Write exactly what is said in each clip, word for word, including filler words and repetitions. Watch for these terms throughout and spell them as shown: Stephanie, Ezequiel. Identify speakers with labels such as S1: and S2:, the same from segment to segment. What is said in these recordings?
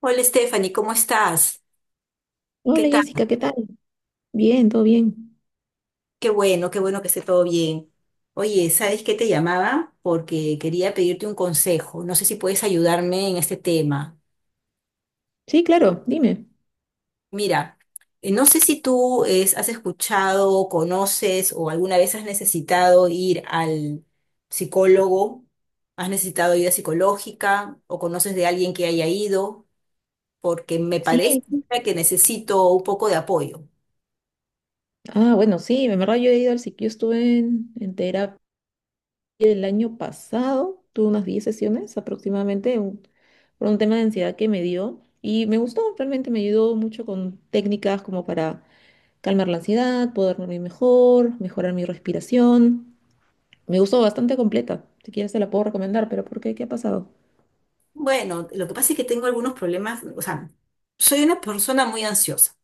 S1: Hola Stephanie, ¿cómo estás? ¿Qué
S2: Hola
S1: tal?
S2: Jessica, ¿qué tal? Bien, todo bien.
S1: Qué bueno, qué bueno que esté todo bien. Oye, ¿sabes qué te llamaba? Porque quería pedirte un consejo. No sé si puedes ayudarme en este tema.
S2: Sí, claro, dime.
S1: Mira, eh, no sé si tú es- has escuchado, conoces o alguna vez has necesitado ir al psicólogo, has necesitado ayuda psicológica o conoces de alguien que haya ido, porque me
S2: Sí.
S1: parece que necesito un poco de apoyo.
S2: Ah, bueno, sí, en verdad yo he ido al psiqui- yo estuve en, en terapia el año pasado, tuve unas diez sesiones aproximadamente un- por un tema de ansiedad que me dio y me gustó, realmente me ayudó mucho con técnicas como para calmar la ansiedad, poder dormir mejor, mejorar mi respiración. Me gustó bastante completa. Si quieres te la puedo recomendar, pero ¿por qué? ¿Qué ha pasado?
S1: Bueno, lo que pasa es que tengo algunos problemas, o sea, soy una persona muy ansiosa.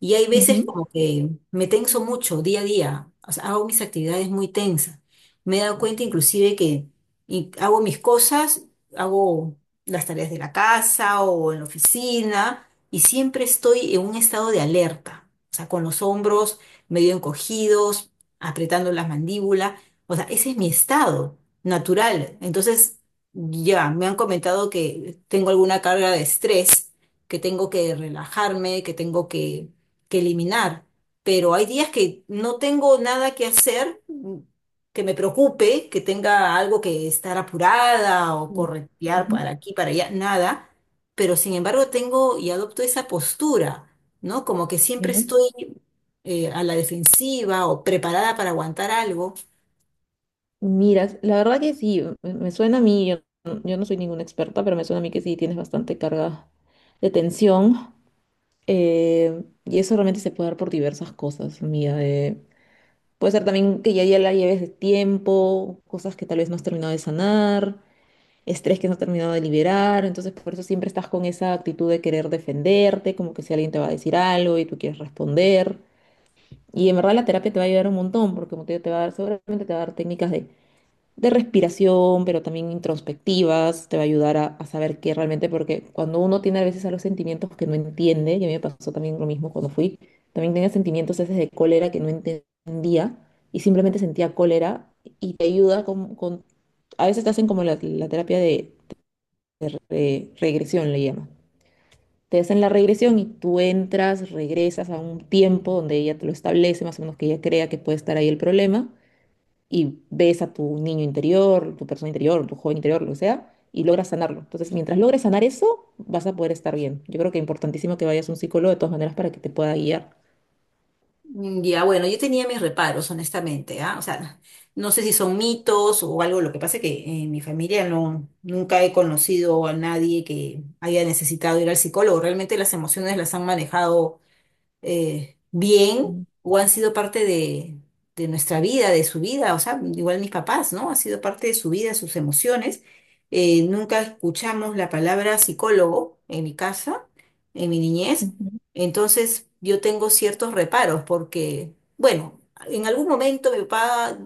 S1: Y hay veces
S2: Ujú.
S1: como que me tenso mucho día a día, o sea, hago mis actividades muy tensas. Me he dado cuenta inclusive que y hago mis cosas, hago las tareas de la casa o en la oficina y siempre estoy en un estado de alerta, o sea, con los hombros medio encogidos, apretando las mandíbulas, o sea, ese es mi estado natural. Entonces, ya me han comentado que tengo alguna carga de estrés, que tengo que relajarme, que tengo que que eliminar, pero hay días que no tengo nada que hacer mm, que me preocupe, que tenga algo que estar apurada o corretear
S2: Ujú.
S1: para aquí, para allá, nada, pero sin embargo tengo y adopto esa postura, ¿no? Como que siempre
S2: ¿Ya?
S1: estoy eh, a la defensiva o preparada para aguantar algo.
S2: Mira, la verdad que sí, me me suena a mí, yo, mm, yo no soy ninguna experta, pero me suena a mí que sí tienes bastante carga de tensión. Eh, y eso realmente se puede dar por diversas cosas, mira. Eh, puede ser también que ya, ya la lleves de tiempo, cosas que tal vez no has terminado de sanar, estrés que no has terminado de liberar. Entonces, por eso siempre estás con esa actitud de querer defenderte, como que si alguien te va a decir algo y tú quieres responder. Y en verdad la terapia te va a ayudar un montón, porque como te digo, te va a dar, seguramente te va a dar técnicas de de respiración, pero también introspectivas, te va a ayudar a, a saber qué realmente, porque cuando uno tiene a veces a los sentimientos que no entiende, y a mí me pasó también lo mismo cuando fui, también tenía sentimientos a veces de cólera que no entendía y simplemente sentía cólera y te ayuda con, con- a veces te hacen como la, la terapia de, de re- regresión, le llaman. Te hacen la regresión y tú entras, regresas a un tiempo donde ella te lo establece, más o menos que ella crea que puede estar ahí el problema y ves a tu niño interior, tu persona interior, tu joven interior, lo que sea, y logras sanarlo. Entonces, mientras logres sanar eso, vas a poder estar bien. Yo creo que es importantísimo que vayas a un psicólogo de todas maneras para que te pueda guiar.
S1: Mm, ya, bueno, yo tenía mis reparos, honestamente, ¿ah? O sea, no sé si son mitos o algo, lo que pasa es que eh, en mi familia no, nunca he conocido a nadie que haya necesitado ir al psicólogo, realmente las emociones las han manejado eh, bien
S2: Mm.
S1: o han sido parte de, de nuestra vida, de su vida, o sea, igual mis papás, ¿no? Ha sido parte de su vida, sus emociones. Eh, nunca escuchamos la palabra psicólogo en mi casa, en mi niñez.
S2: Ujú,
S1: Entonces yo tengo ciertos reparos porque, bueno, en algún momento mi papá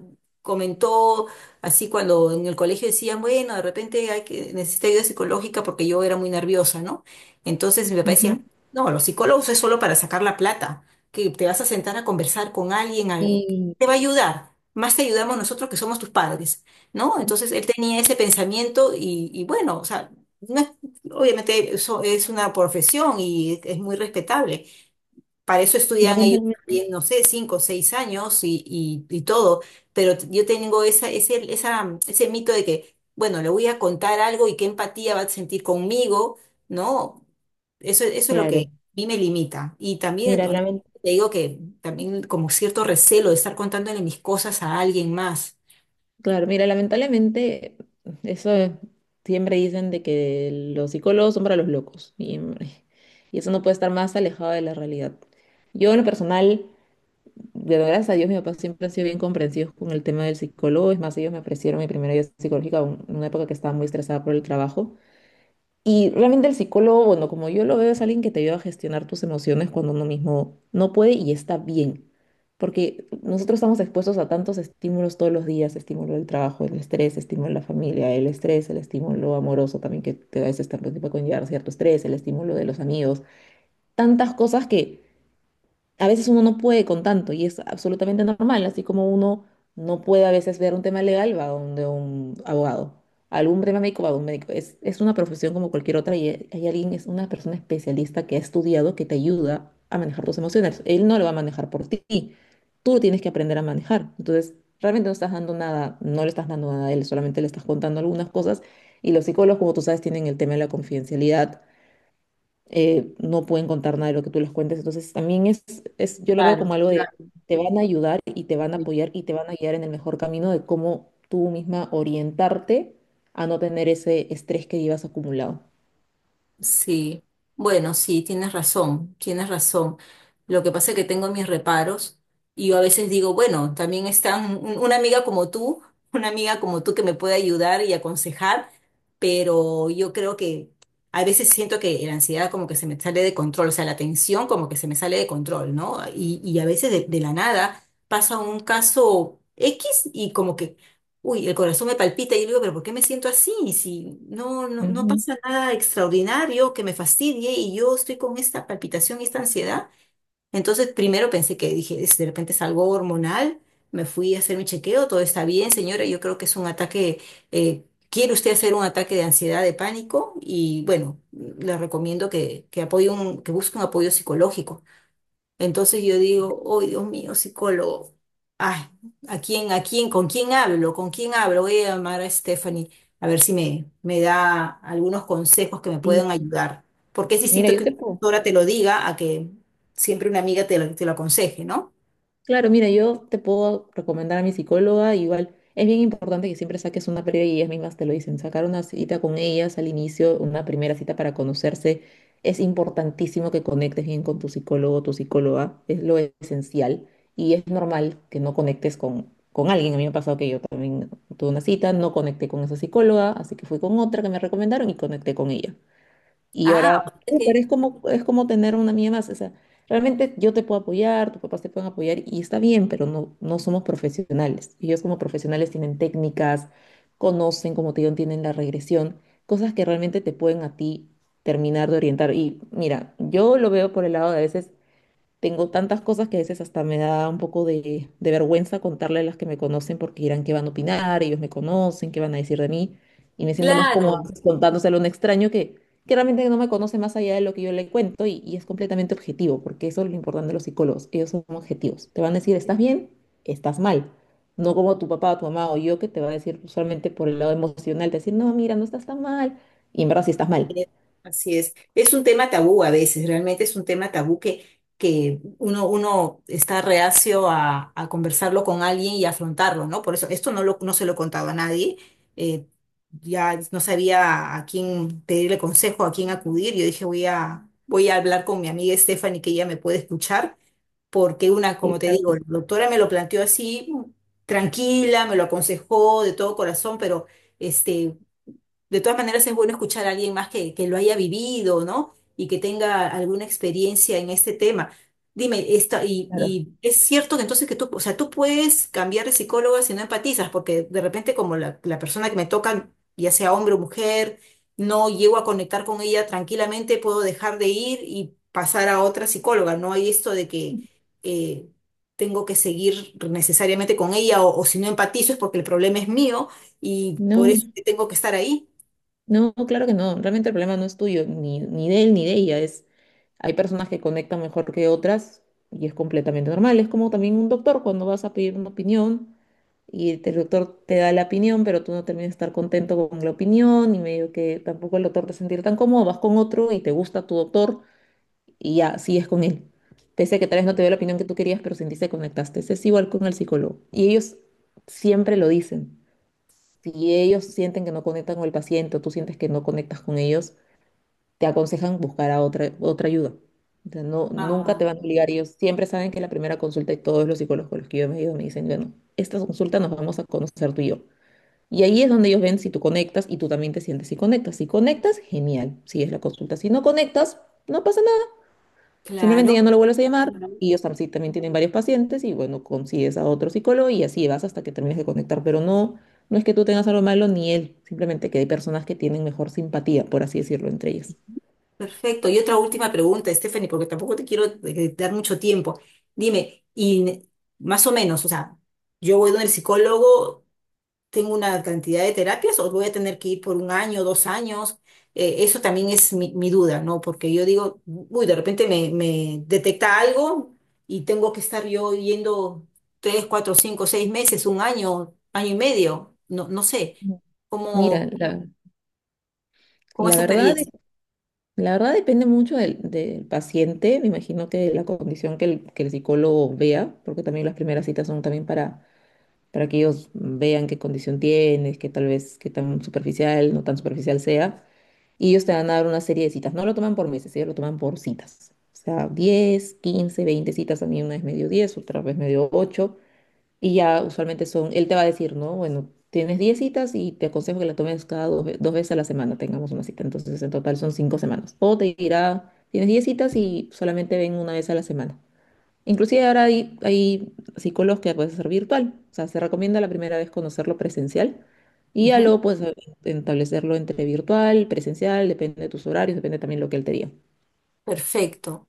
S1: comentó así cuando en el colegio decían, bueno, de repente hay que, necesita ayuda psicológica porque yo era muy nerviosa, ¿no? Entonces mi papá decía,
S2: ujú.
S1: no, los psicólogos es solo para sacar la plata, que te vas a sentar a conversar con alguien, al-
S2: Y
S1: te va a ayudar, más te ayudamos nosotros que somos tus padres, ¿no? Entonces él tenía ese pensamiento y, y bueno, o sea, no es- obviamente eso es una profesión y es muy respetable, para eso estudian ellos
S2: lamentablemente,
S1: también, no sé, cinco o seis años y, y- y todo. Pero t- yo tengo esa, ese, esa, ese mito de que, bueno, le voy a contar algo y qué empatía va a sentir conmigo, ¿no? Eso, eso es lo que
S2: claro,
S1: a mí me limita. Y también,
S2: mira,
S1: honestamente,
S2: lamen-
S1: te digo que también como cierto recelo de estar contándole mis cosas a alguien más.
S2: claro, mira, lamentablemente, eso es- siempre dicen de que los psicólogos son para los locos, y, y eso no puede estar más alejado de la realidad. Yo en lo personal Pero gracias a Dios, mi papá siempre ha sido bien comprensivo con el tema del psicólogo. Es más, ellos me ofrecieron mi primera ayuda psicológica un- en una época que estaba muy estresada por el trabajo. Y realmente el psicólogo, bueno, como yo lo veo, es alguien que te ayuda a gestionar tus emociones cuando uno mismo no puede y está bien. Porque nosotros estamos expuestos a tantos estímulos todos los días, estímulo del trabajo, el estrés, estímulo de la familia, el estrés, el estímulo amoroso también que te da ese estímulo que puede conllevar cierto estrés, el estímulo de los amigos, tantas cosas que a veces uno no puede con tanto y es absolutamente normal, así como uno no puede a veces ver un tema legal, va donde un abogado, algún tema médico, va a un médico. Es, es una profesión como cualquier otra y hay hay alguien, es una persona especialista que ha estudiado que te ayuda a manejar tus emociones. Él no lo va a manejar por ti, tú lo tienes que aprender a manejar. Entonces, realmente no estás dando nada, no le estás dando nada a él, solamente le estás contando algunas cosas y los psicólogos, como tú sabes, tienen el tema de la confidencialidad, eh, no pueden contar nada de lo que tú les cuentes. Entonces, también es, es, yo lo veo
S1: Claro,
S2: como algo de,
S1: claro.
S2: te van a ayudar y te van a apoyar y te van a guiar en el mejor camino de cómo tú misma orientarte a no tener ese estrés que llevas acumulado.
S1: Sí, bueno, sí, tienes razón, tienes razón. Lo que pasa es que tengo mis reparos y yo a veces digo, bueno, también está un- un- una amiga como tú, una amiga como tú que me puede ayudar y aconsejar, pero yo creo que a veces siento que la ansiedad como que se me sale de control, o sea, la tensión como que se me sale de control, ¿no? Y, y a veces de, de la nada pasa un caso X y como que, uy, el corazón me palpita y yo digo, pero ¿por qué me siento así? Si no, no, no
S2: Ujú.
S1: pasa nada extraordinario que me fastidie y yo estoy con esta palpitación y esta ansiedad. Entonces, primero pensé que dije, "Es- de repente es algo hormonal. Me fui a hacer mi chequeo, todo está bien, señora. Yo creo que es un ataque, eh, ¿quiere usted hacer un ataque de ansiedad, de pánico? Y bueno, le recomiendo que, que apoye un, que busque un apoyo psicológico. Entonces yo digo, oh, Dios mío, psicólogo, ay, ¿a quién, a quién, con quién hablo? ¿Con quién hablo? Voy a llamar a Stephanie a ver si me, me da algunos consejos que me
S2: Sí.
S1: puedan ayudar. Porque es
S2: Mira,
S1: distinto
S2: yo
S1: que una
S2: te puedo.
S1: doctora te lo diga a que siempre una amiga te lo, te lo aconseje, ¿no?
S2: Claro, mira, yo te puedo recomendar a mi psicóloga, igual es bien importante que siempre saques una previa y ellas mismas te lo dicen, sacar una cita con ellas al inicio, una primera cita para conocerse, es importantísimo que conectes bien con tu psicólogo o tu psicóloga, es lo esencial y es normal que no conectes con, con alguien, a mí me ha pasado que yo también tuve una cita, no conecté con esa psicóloga, así que fui con otra que me recomendaron y conecté con ella. Y
S1: Ah, o
S2: ahora,
S1: sea
S2: uh, pero
S1: que,
S2: es como, es como tener una amiga más. O sea, realmente yo te puedo apoyar, tus papás te pueden apoyar y está bien, pero no, no somos profesionales. Ellos como profesionales tienen técnicas, conocen, como te digo, tienen la regresión, cosas que realmente te pueden a ti terminar de orientar. Y mira, yo lo veo por el lado de a veces tengo tantas cosas que a veces hasta me da un poco de, de vergüenza contarle a las que me conocen porque dirán qué van a opinar, ellos me conocen, qué van a decir de mí. Y me siento más cómoda
S1: claro.
S2: pues, contándoselo a un extraño que, que realmente no me conoce más allá de lo que yo le cuento y, y es completamente objetivo, porque eso es lo importante de los psicólogos, ellos son objetivos. Te van a decir, estás bien, estás mal. No como tu papá, tu mamá o yo que te va a decir usualmente por el lado emocional, te decir, no, mira, no estás tan mal. Y en verdad sí estás mal.
S1: Eh, Así es. Es un tema tabú a veces, realmente es un tema tabú que, que uno, uno está reacio a, a conversarlo con alguien y afrontarlo, ¿no? Por eso, esto no lo, no se lo he contado a nadie. eh, ya no sabía a quién pedirle consejo, a quién acudir. Yo dije, voy a, voy a hablar con mi amiga Stephanie, que ella me puede escuchar, porque una, como
S2: Sí,
S1: te
S2: claro
S1: digo,
S2: que
S1: la
S2: sí,
S1: doctora me lo planteó así, tranquila, me lo aconsejó de todo corazón, pero... Este, de todas maneras, es bueno escuchar a alguien más que, que lo haya vivido, ¿no? Y que tenga alguna experiencia en este tema. Dime, esta, y,
S2: claro.
S1: y es cierto que entonces que tú, o sea, tú puedes cambiar de psicóloga si no empatizas, porque de repente como la, la persona que me toca, ya sea hombre o mujer, no llego a conectar con ella tranquilamente, puedo dejar de ir y pasar a otra psicóloga. No hay esto de que eh, tengo que seguir necesariamente con ella o, o si no empatizo es porque el problema es mío y por
S2: No.
S1: eso que tengo que estar ahí.
S2: No, claro que no. Realmente el problema no es tuyo, ni, ni de él, ni de ella. Es, hay personas que conectan mejor que otras y es completamente normal. Es como también un doctor cuando vas a pedir una opinión y el doctor te da la opinión, pero tú no terminas de estar contento con la opinión y medio que tampoco el doctor te sentir tan cómodo. Vas con otro y te gusta tu doctor y ya sigues con él. Pese a que tal vez no te dio la opinión que tú querías, pero sentiste que conectaste. Es igual con el psicólogo. Y ellos siempre lo dicen. Si ellos sienten que no conectan con el paciente o tú sientes que no conectas con ellos, te aconsejan buscar a otra, otra ayuda. O sea, no, nunca te
S1: Ah,
S2: van a obligar. Ellos siempre saben que la primera consulta y todos los psicólogos con los que yo me he ido me dicen, bueno, esta consulta nos vamos a conocer tú y yo. Y ahí es donde ellos ven si tú conectas y tú también te sientes si conectas. Si conectas, genial, sigues la consulta. Si no conectas, no pasa. Simplemente
S1: claro,
S2: ya no lo vuelves a llamar
S1: claro.
S2: y ellos tam- sí también tienen varios pacientes y bueno, consigues a otro psicólogo y así vas hasta que termines de conectar. Pero no, no es que tú tengas algo malo ni él, simplemente que hay personas que tienen mejor simpatía, por así decirlo, entre ellas.
S1: Perfecto. Y otra última pregunta, Stephanie, porque tampoco te quiero eh, dar mucho tiempo. Dime, y ne- más o menos, o sea, yo voy donde el psicólogo, tengo una cantidad de terapias o voy a tener que ir por un año, dos años. Eh, eso también es mi, mi duda, ¿no? Porque yo digo, uy, de repente me, me detecta algo y tengo que estar yo yendo tres, cuatro, cinco, seis meses, un año, año y medio, no, no sé,
S2: Ujú. Mira,
S1: cómo,
S2: la,
S1: cómo es
S2: la
S1: tu
S2: verdad, de-
S1: experiencia.
S2: la verdad depende mucho del, del paciente, me imagino que de la condición que el, que el psicólogo vea, porque también las primeras citas son también para, para que ellos vean qué condición tienes, que tal vez qué tan superficial, no tan superficial sea. Y ellos te van a dar una serie de citas. No lo toman por meses, ellos lo toman por citas. O sea, diez quince veinte citas. A mí una vez me dio diez, otra vez me dio ocho. Y ya usualmente son, él te va a decir, ¿no? Bueno, tienes diez citas y te aconsejo que la tomes cada dos, ve- dos veces a la semana, tengamos una cita. Entonces, en total son cinco semanas. O te dirá, tienes diez citas y solamente ven una vez a la semana. Inclusive ahora hay, hay psicólogos que puedes hacer virtual, o sea, se recomienda la primera vez conocerlo presencial y ya luego puedes eh, establecerlo entre virtual, presencial, depende de tus horarios, depende también lo que él te diga.
S1: Perfecto,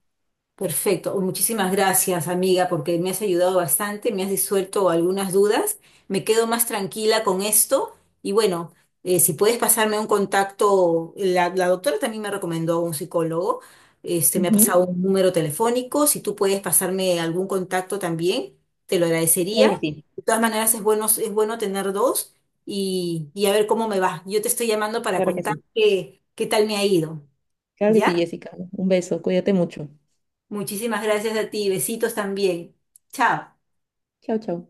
S1: perfecto. Muchísimas gracias, amiga, porque me has ayudado bastante, me has disuelto algunas dudas. Me quedo más tranquila con esto. Y bueno, eh, si puedes pasarme un contacto, la, la doctora también me recomendó un psicólogo. Este, me ha
S2: Ujú.
S1: pasado un número telefónico. Si tú puedes pasarme algún contacto también, te lo
S2: Claro que
S1: agradecería.
S2: sí,
S1: De todas maneras, es bueno, es bueno tener dos y, y a ver cómo me va. Yo te estoy llamando para
S2: claro que
S1: contar
S2: sí.
S1: qué, qué tal me ha ido.
S2: Claro que sí,
S1: ¿Ya?
S2: Jessica. Un beso, cuídate mucho.
S1: Muchísimas gracias a ti. Besitos también. Chao.
S2: Chao, chao.